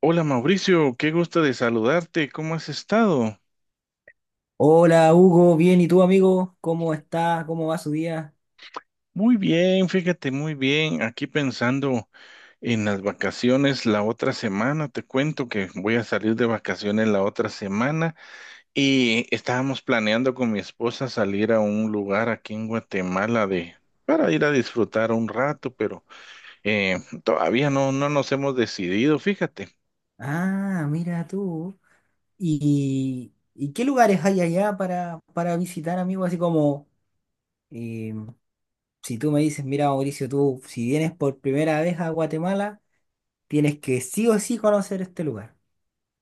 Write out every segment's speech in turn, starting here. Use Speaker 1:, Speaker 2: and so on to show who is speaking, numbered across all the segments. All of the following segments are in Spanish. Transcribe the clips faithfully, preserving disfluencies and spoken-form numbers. Speaker 1: Hola Mauricio, qué gusto de saludarte. ¿Cómo has estado?
Speaker 2: Hola Hugo, bien, ¿y tú amigo? ¿Cómo está? ¿Cómo va su día?
Speaker 1: Muy bien, fíjate, muy bien. Aquí pensando en las vacaciones la otra semana. Te cuento que voy a salir de vacaciones la otra semana y estábamos planeando con mi esposa salir a un lugar aquí en Guatemala de para ir a disfrutar un rato, pero eh, todavía no, no nos hemos decidido, fíjate.
Speaker 2: Ah, mira tú. ¿Y, y qué lugares hay allá para, para visitar, amigo? Así como, eh, si tú me dices, mira Mauricio, tú si vienes por primera vez a Guatemala, tienes que sí o sí conocer este lugar.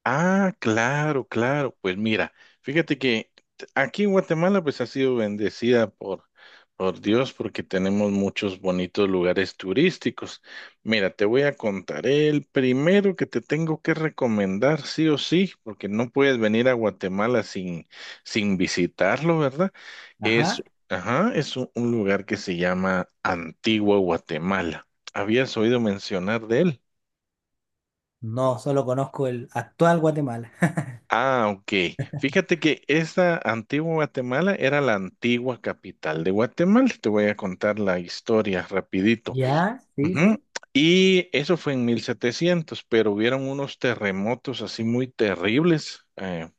Speaker 1: Ah, claro, claro. Pues mira, fíjate que t- aquí en Guatemala pues ha sido bendecida por, por Dios porque tenemos muchos bonitos lugares turísticos. Mira, te voy a contar el primero que te tengo que recomendar sí o sí, porque no puedes venir a Guatemala sin, sin visitarlo, ¿verdad? Es,
Speaker 2: Ajá.
Speaker 1: ajá, es un un lugar que se llama Antigua Guatemala. ¿Habías oído mencionar de él?
Speaker 2: No, solo conozco el actual Guatemala.
Speaker 1: Ah, ok. Fíjate que esa antigua Guatemala era la antigua capital de Guatemala. Te voy a contar la historia rapidito.
Speaker 2: ¿Ya? Sí,
Speaker 1: Ujú.
Speaker 2: sí.
Speaker 1: Y eso fue en mil setecientos, pero hubieron unos terremotos así muy terribles eh,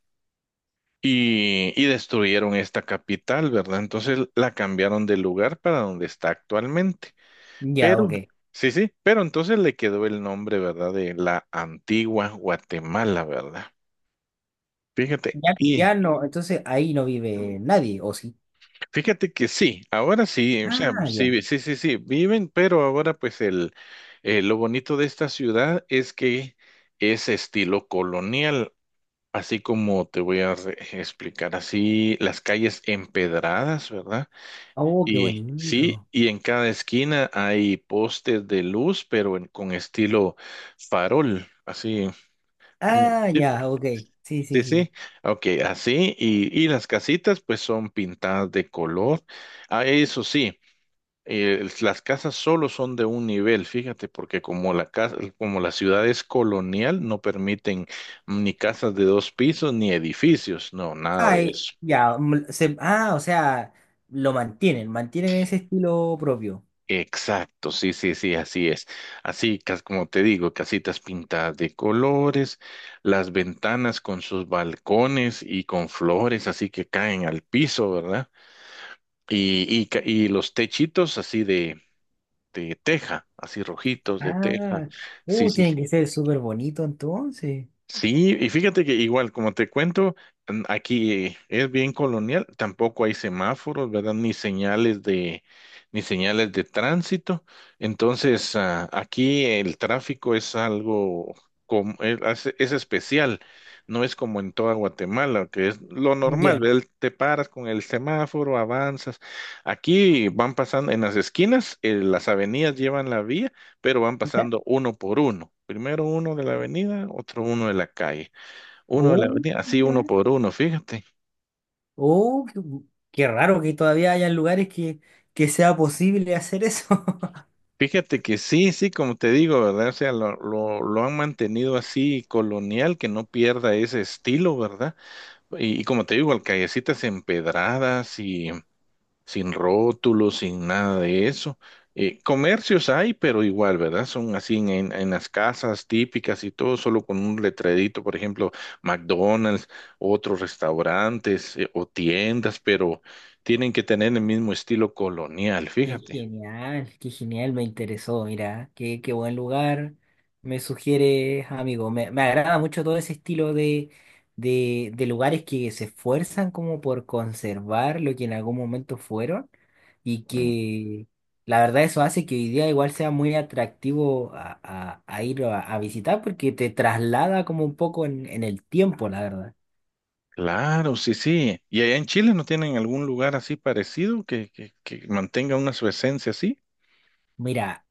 Speaker 1: y, y destruyeron esta capital, ¿verdad? Entonces la cambiaron de lugar para donde está actualmente.
Speaker 2: Ya,
Speaker 1: Pero,
Speaker 2: ok.
Speaker 1: sí, sí, pero entonces le quedó el nombre, ¿verdad? De la antigua Guatemala, ¿verdad? Fíjate.
Speaker 2: Ya,
Speaker 1: Y
Speaker 2: ya no, entonces ahí no vive nadie, ¿o sí?
Speaker 1: Fíjate que sí, ahora sí, o sea,
Speaker 2: Ah, ya.
Speaker 1: sí, sí, sí, sí, viven, pero ahora pues el, eh, lo bonito de esta ciudad es que es estilo colonial, así como te voy a re- explicar, así las calles empedradas, ¿verdad?
Speaker 2: Oh, qué
Speaker 1: Y sí,
Speaker 2: bonito.
Speaker 1: y en cada esquina hay postes de luz, pero en- con estilo farol, así. mm,
Speaker 2: Ah,
Speaker 1: Sí,
Speaker 2: ya, ok. Sí,
Speaker 1: sí,
Speaker 2: sí,
Speaker 1: sí,
Speaker 2: sí.
Speaker 1: ok, así, y, y las casitas pues son pintadas de color, ah, eso sí eh, las casas solo son de un nivel, fíjate, porque como la casa, como la ciudad es colonial, no permiten ni casas de dos pisos ni edificios, no, nada
Speaker 2: Ah,
Speaker 1: de
Speaker 2: eh,
Speaker 1: eso.
Speaker 2: ya. mm, se- ah, o sea, lo mantienen, mantienen ese estilo propio.
Speaker 1: Exacto, sí, sí, sí, así es. Así, cas- como te digo, casitas pintadas de colores, las ventanas con sus balcones y con flores, así que caen al piso, ¿verdad? Y, y, ca- y los techitos así de, de teja, así rojitos de teja.
Speaker 2: Ah,
Speaker 1: Sí,
Speaker 2: uh,
Speaker 1: sí,
Speaker 2: tiene que ser súper bonito entonces.
Speaker 1: Sí, y fíjate que igual, como te cuento, mm, aquí es bien colonial, tampoco hay semáforos, ¿verdad? Ni señales de, ni señales de tránsito. Entonces, ah, aquí el tráfico es algo como, es, hace- es especial, no es como en toda Guatemala, que es lo normal,
Speaker 2: Ya.
Speaker 1: ¿verdad? Te paras con el semáforo, avanzas. Aquí van pasando en las esquinas, eh, las avenidas llevan la vía pero van
Speaker 2: Ya.
Speaker 1: pasando uno por uno. Primero uno de la avenida, otro uno de la calle, uno de la
Speaker 2: Uh,
Speaker 1: avenida, así uno
Speaker 2: mira.
Speaker 1: por uno, fíjate.
Speaker 2: Uh, qué, qué raro que todavía hayan lugares que, que sea posible hacer eso.
Speaker 1: Fíjate que sí, sí, como te digo, ¿verdad? O sea, lo, lo, lo han mantenido así colonial, que no pierda ese estilo, ¿verdad? Y, y como te digo, al callecitas empedradas y, sin rótulos, sin nada de eso. Eh, comercios hay, pero igual, ¿verdad? Son así en, en- en las casas típicas y todo, solo con un letrerito, por ejemplo, McDonald's, otros restaurantes eh, o tiendas, pero tienen que tener el mismo estilo colonial,
Speaker 2: Qué
Speaker 1: fíjate.
Speaker 2: genial, qué genial, me interesó, mira, qué, qué buen lugar me sugieres, amigo. Me, me agrada mucho todo ese estilo de, de, de lugares que se esfuerzan como por conservar lo que en algún momento fueron y
Speaker 1: Mm,
Speaker 2: que la verdad eso hace que hoy día igual sea muy atractivo a, a- a ir a, a visitar porque te traslada como un poco en, en el tiempo, la verdad.
Speaker 1: Claro, sí, sí. ¿Y allá en Chile no tienen algún lugar así parecido que, que, que mantenga una su esencia así?
Speaker 2: Mira,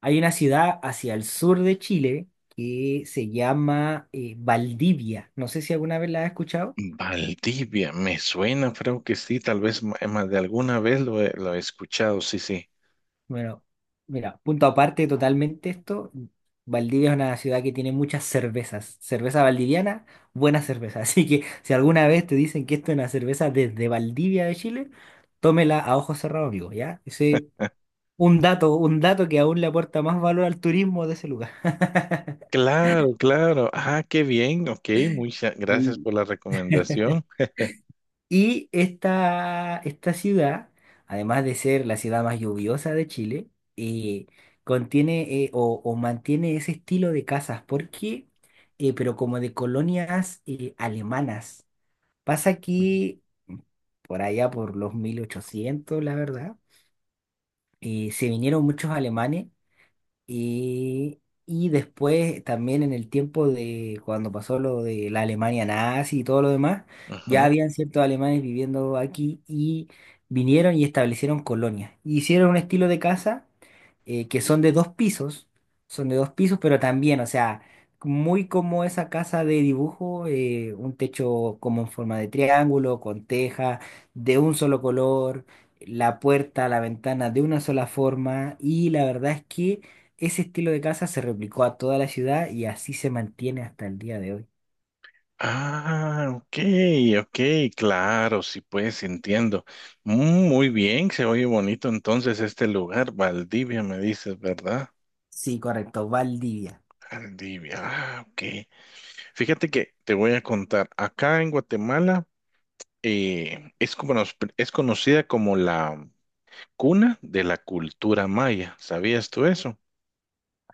Speaker 2: hay una ciudad hacia el sur de Chile que se llama eh, Valdivia. No sé si alguna vez la has escuchado.
Speaker 1: Valdivia, me suena, creo que sí, tal vez ma- eh, más de alguna vez lo he, lo he escuchado, sí, sí.
Speaker 2: Bueno, mira, punto aparte totalmente esto. Valdivia es una ciudad que tiene muchas cervezas. Cerveza valdiviana, buena cerveza. Así que si alguna vez te dicen que esto es una cerveza desde Valdivia de Chile, tómela a ojos cerrados, amigo, ¿ya? Ese un dato, un dato que aún le aporta más valor al turismo de ese lugar.
Speaker 1: Claro, claro. Ah, qué bien, ok, muchas gracias
Speaker 2: Y
Speaker 1: por la recomendación.
Speaker 2: Y esta, esta ciudad, además de ser la ciudad más lluviosa de Chile, eh, contiene eh, o, o mantiene ese estilo de casas, porque, eh, pero como de colonias eh, alemanas. Pasa que por allá, por los mil ochocientos la verdad, eh, se vinieron muchos alemanes y, y después también en el tiempo de cuando pasó lo de la Alemania nazi y todo lo demás, ya
Speaker 1: Ajá.
Speaker 2: habían ciertos alemanes viviendo aquí y vinieron y establecieron colonias. Hicieron un estilo de casa eh, que son de dos pisos, son de dos pisos, pero también, o sea, muy como esa casa de dibujo, eh, un techo como en forma de triángulo, con teja, de un solo color, la puerta, la ventana de una sola forma, y la verdad es que ese estilo de casa se replicó a toda la ciudad y así se mantiene hasta el día de hoy.
Speaker 1: Ah, ok, ok, claro, sí, pues entiendo. Mm, muy bien, se oye bonito entonces este lugar, Valdivia, me dices, ¿verdad?
Speaker 2: Sí, correcto, Valdivia.
Speaker 1: Valdivia, ah, ok. Fíjate que te voy a contar, acá en Guatemala, eh, es, como- nos- es conocida como la cuna de la cultura maya. ¿Sabías tú eso?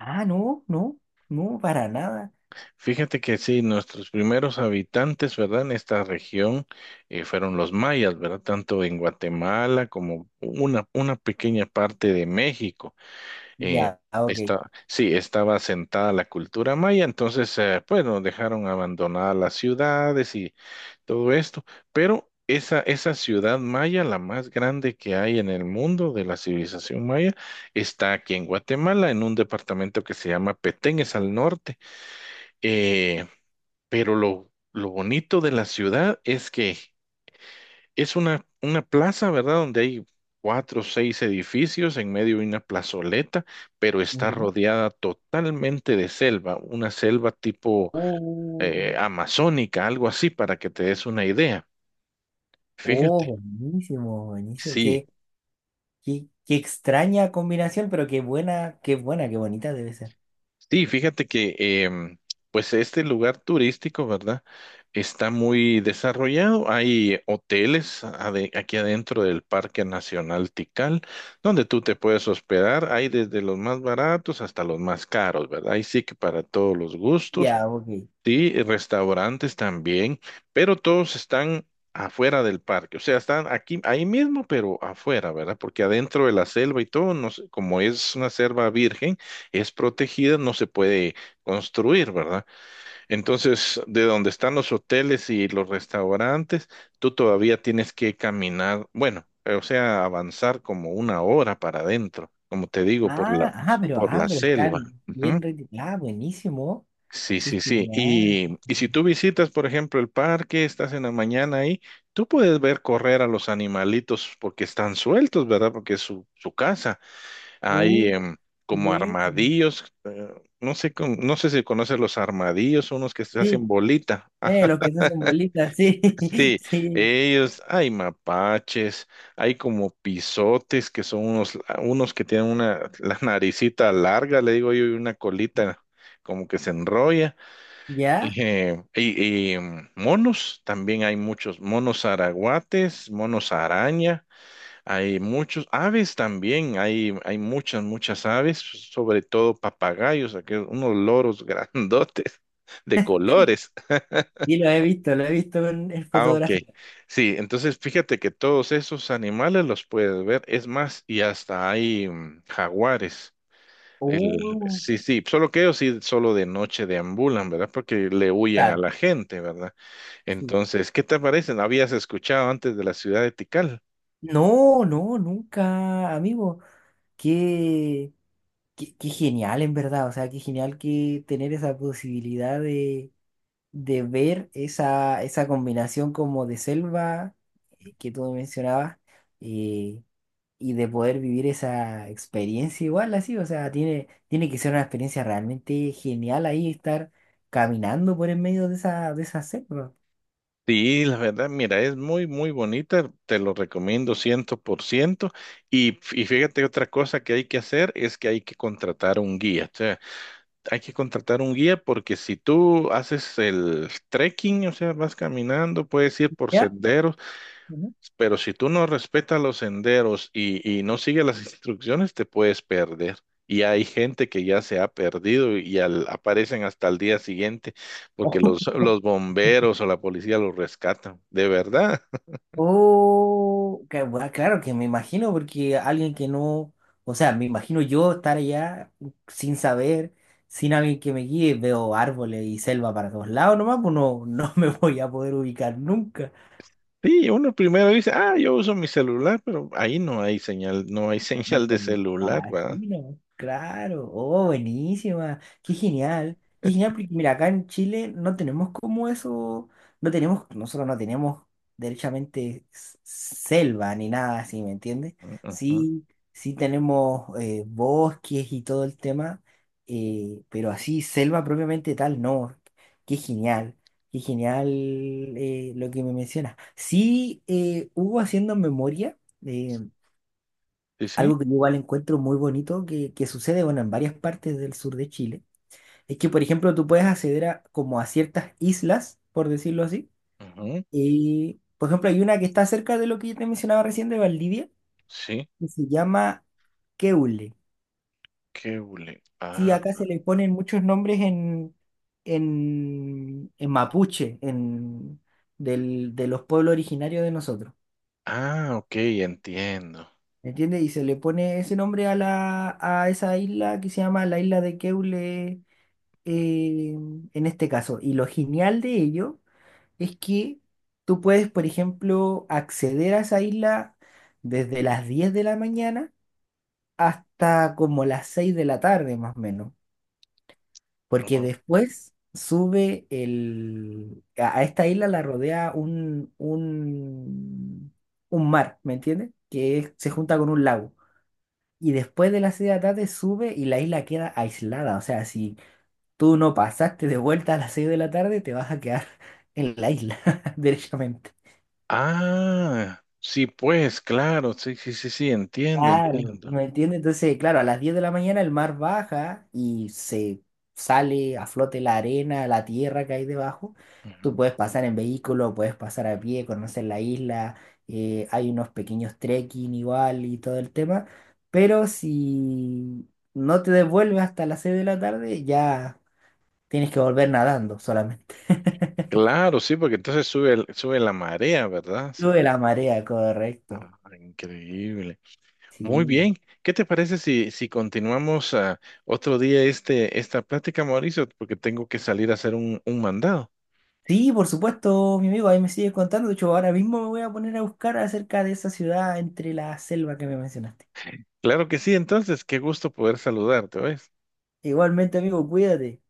Speaker 2: Ah, no, no, no, para nada.
Speaker 1: Fíjate que sí, nuestros primeros habitantes, ¿verdad? En esta región eh, fueron los mayas, ¿verdad? Tanto en Guatemala como una, una pequeña parte de México. Eh,
Speaker 2: Ya, ah, ok.
Speaker 1: está, sí, estaba asentada la cultura maya, entonces, eh, pues nos dejaron abandonadas las ciudades y todo esto. Pero esa, esa ciudad maya, la más grande que hay en el mundo de la civilización maya, está aquí en Guatemala, en un departamento que se llama Petén, es al norte. Eh, pero lo, lo bonito de la ciudad es que es una, una plaza, ¿verdad? Donde hay cuatro o seis edificios, en medio de una plazoleta, pero está
Speaker 2: Ya.
Speaker 1: rodeada totalmente de selva, una selva tipo
Speaker 2: Oh,
Speaker 1: eh, amazónica, algo así, para que te des una idea.
Speaker 2: oh,
Speaker 1: Fíjate.
Speaker 2: buenísimo, buenísimo.
Speaker 1: Sí,
Speaker 2: Qué, qué, qué extraña combinación, pero qué buena, qué buena, qué bonita debe ser.
Speaker 1: sí, fíjate que em, pues este lugar turístico, ¿verdad? Está muy desarrollado. Hay hoteles ade- aquí adentro del Parque Nacional Tikal, donde tú te puedes hospedar. Hay desde los más baratos hasta los más caros, ¿verdad? Ahí sí que para todos los gustos.
Speaker 2: Ya, ok.
Speaker 1: Sí, y restaurantes también, pero todos están afuera del parque, o sea, están aquí, ahí mismo, pero afuera, ¿verdad? Porque adentro de la selva y todo, no se- como es una selva virgen, es protegida, no se puede construir, ¿verdad? Entonces, de donde están los hoteles y los restaurantes, tú todavía tienes que caminar, bueno, eh, o sea, avanzar como una hora para adentro, como te digo, por la,
Speaker 2: Ah, ah, pero,
Speaker 1: por
Speaker 2: ah,
Speaker 1: la
Speaker 2: pero
Speaker 1: selva.
Speaker 2: están bien. reti- Ah, buenísimo.
Speaker 1: Sí,
Speaker 2: Qué
Speaker 1: sí, sí.
Speaker 2: genial. Qué
Speaker 1: Y, y si
Speaker 2: genial.
Speaker 1: tú visitas, por ejemplo, el parque, estás en la mañana ahí, tú puedes ver correr a los animalitos porque están sueltos, ¿verdad? Porque es su, su casa. Hay
Speaker 2: Uh,
Speaker 1: em,
Speaker 2: Qué
Speaker 1: como
Speaker 2: bueno.
Speaker 1: armadillos, eh, no sé, con- no sé si conoces los armadillos, unos que se hacen
Speaker 2: Sí,
Speaker 1: bolita. Ah,
Speaker 2: Eh, los que se hacen bolitas, sí,
Speaker 1: sí,
Speaker 2: sí,
Speaker 1: ellos, hay mapaches, hay como pisotes que son unos, unos que tienen una, la naricita larga, le digo yo, y una colita como que se enrolla.
Speaker 2: ya,
Speaker 1: Y, eh, y- y, mm, monos, también hay muchos monos araguates, monos araña, hay muchos aves también, hay, hay muchas, muchas aves, sobre todo papagayos, aquellos, unos loros grandotes de colores.
Speaker 2: y lo he visto, lo he visto en, en
Speaker 1: Ah, ok.
Speaker 2: fotografía.
Speaker 1: Sí, entonces fíjate que todos esos animales los puedes ver, es más, y hasta hay mm, jaguares. El,
Speaker 2: Uh,
Speaker 1: sí, sí, solo que ellos sí, solo de noche deambulan, ¿verdad? Porque le huyen a
Speaker 2: claro,
Speaker 1: la gente, ¿verdad?
Speaker 2: sí.
Speaker 1: Entonces, ¿qué te parece? ¿No habías escuchado antes de la ciudad de Tikal?
Speaker 2: No, no, nunca, amigo, qué, qué, qué genial en verdad, o sea, qué genial que tener esa posibilidad de, de ver esa, esa combinación como de selva eh, que tú mencionabas, eh, y de poder vivir esa experiencia igual así, o sea, tiene, tiene que ser una experiencia realmente genial ahí estar caminando por en medio de esa, de esa selva.
Speaker 1: Sí, la verdad, mira, es muy, muy bonita, te lo recomiendo ciento por ciento. Y, y fíjate, otra cosa que hay que hacer es que hay que contratar un guía. O sea, hay que contratar un guía porque si tú haces el trekking, o sea, vas caminando, puedes ir por
Speaker 2: ¿Ya?
Speaker 1: senderos.
Speaker 2: Ujú.
Speaker 1: Pero si tú no respetas los senderos y, y no sigues las instrucciones, te puedes perder. Y hay gente que ya se ha perdido y al- aparecen hasta el día siguiente porque los, los bomberos o la policía los rescatan. De verdad.
Speaker 2: Oh, que bueno, claro que me imagino, porque alguien que no, o sea, me imagino yo estar allá sin saber, sin alguien que me guíe, veo árboles y selva para todos lados nomás, pues no, no me voy a poder ubicar nunca.
Speaker 1: Sí, uno primero dice, ah, yo uso mi celular, pero ahí no hay señal, no hay señal de
Speaker 2: Me
Speaker 1: celular, ¿verdad?
Speaker 2: imagino, claro, oh, buenísima, qué genial, qué genial, porque mira, acá en Chile no tenemos como eso, no tenemos, nosotros no tenemos derechamente s- selva ni nada así, ¿me entiendes?
Speaker 1: Ujú, ujú.
Speaker 2: Sí, sí tenemos eh, bosques y todo el tema, eh, pero así, selva propiamente tal, no, qué genial, qué genial eh, lo que me mencionas. Sí, eh, hubo haciendo memoria. eh,
Speaker 1: Sí, sí.
Speaker 2: Algo que yo igual encuentro muy bonito que, que sucede, bueno, en varias partes del sur de Chile, es que, por ejemplo, tú puedes acceder a, como a ciertas islas, por decirlo así,
Speaker 1: Ujú.
Speaker 2: y, por ejemplo, hay una que está cerca de lo que yo te mencionaba recién de Valdivia,
Speaker 1: Sí.
Speaker 2: que se llama Keule.
Speaker 1: Qué hule-
Speaker 2: Sí,
Speaker 1: Ah,
Speaker 2: acá se le ponen muchos nombres en, en, en mapuche, en, del, de los pueblos originarios de nosotros.
Speaker 1: ah, ok, entiendo.
Speaker 2: ¿Me entiendes? Y se le pone ese nombre a, la, a esa isla que se llama la isla de Keule eh, en este caso. Y lo genial de ello es que tú puedes, por ejemplo, acceder a esa isla desde las diez de la mañana hasta como las seis de la tarde, más o menos. Porque
Speaker 1: Oh,
Speaker 2: después sube el... A a esta isla la rodea un, un, un mar, ¿me entiendes? Que es- se
Speaker 1: ujú.
Speaker 2: junta con un lago. Y después de las seis de la tarde sube y la isla queda aislada. O sea, si tú no pasaste de vuelta a las seis de la tarde, te vas a quedar en la isla, derechamente.
Speaker 1: Ah, sí, pues, claro, sí, sí, sí, sí, entiendo,
Speaker 2: Claro,
Speaker 1: entiendo.
Speaker 2: ¿me entiendes? Entonces, claro, a las diez de la mañana el mar baja y se sale a flote la arena, la tierra que hay debajo.
Speaker 1: Ajá.
Speaker 2: Tú puedes pasar en vehículo, puedes pasar a pie, conocer la isla, eh, hay unos pequeños trekking igual y todo el tema, pero si no te devuelves hasta las seis de la tarde, ya tienes que volver nadando solamente.
Speaker 1: Claro, sí, porque entonces sube, el- sube la marea, ¿verdad? Sí,
Speaker 2: Lo de
Speaker 1: pues.
Speaker 2: la marea, correcto.
Speaker 1: Ah, increíble. Muy
Speaker 2: Sí.
Speaker 1: bien. ¿Qué te parece si, si continuamos ah, otro día este, esta plática, Mauricio? Porque tengo que salir a hacer un, un mandado.
Speaker 2: Sí, por supuesto, mi amigo, ahí me sigues contando. De hecho, ahora mismo me voy a poner a buscar acerca de esa ciudad entre la selva que me mencionaste.
Speaker 1: Claro que sí, entonces, qué gusto poder saludarte, ¿ves?
Speaker 2: Igualmente, amigo, cuídate.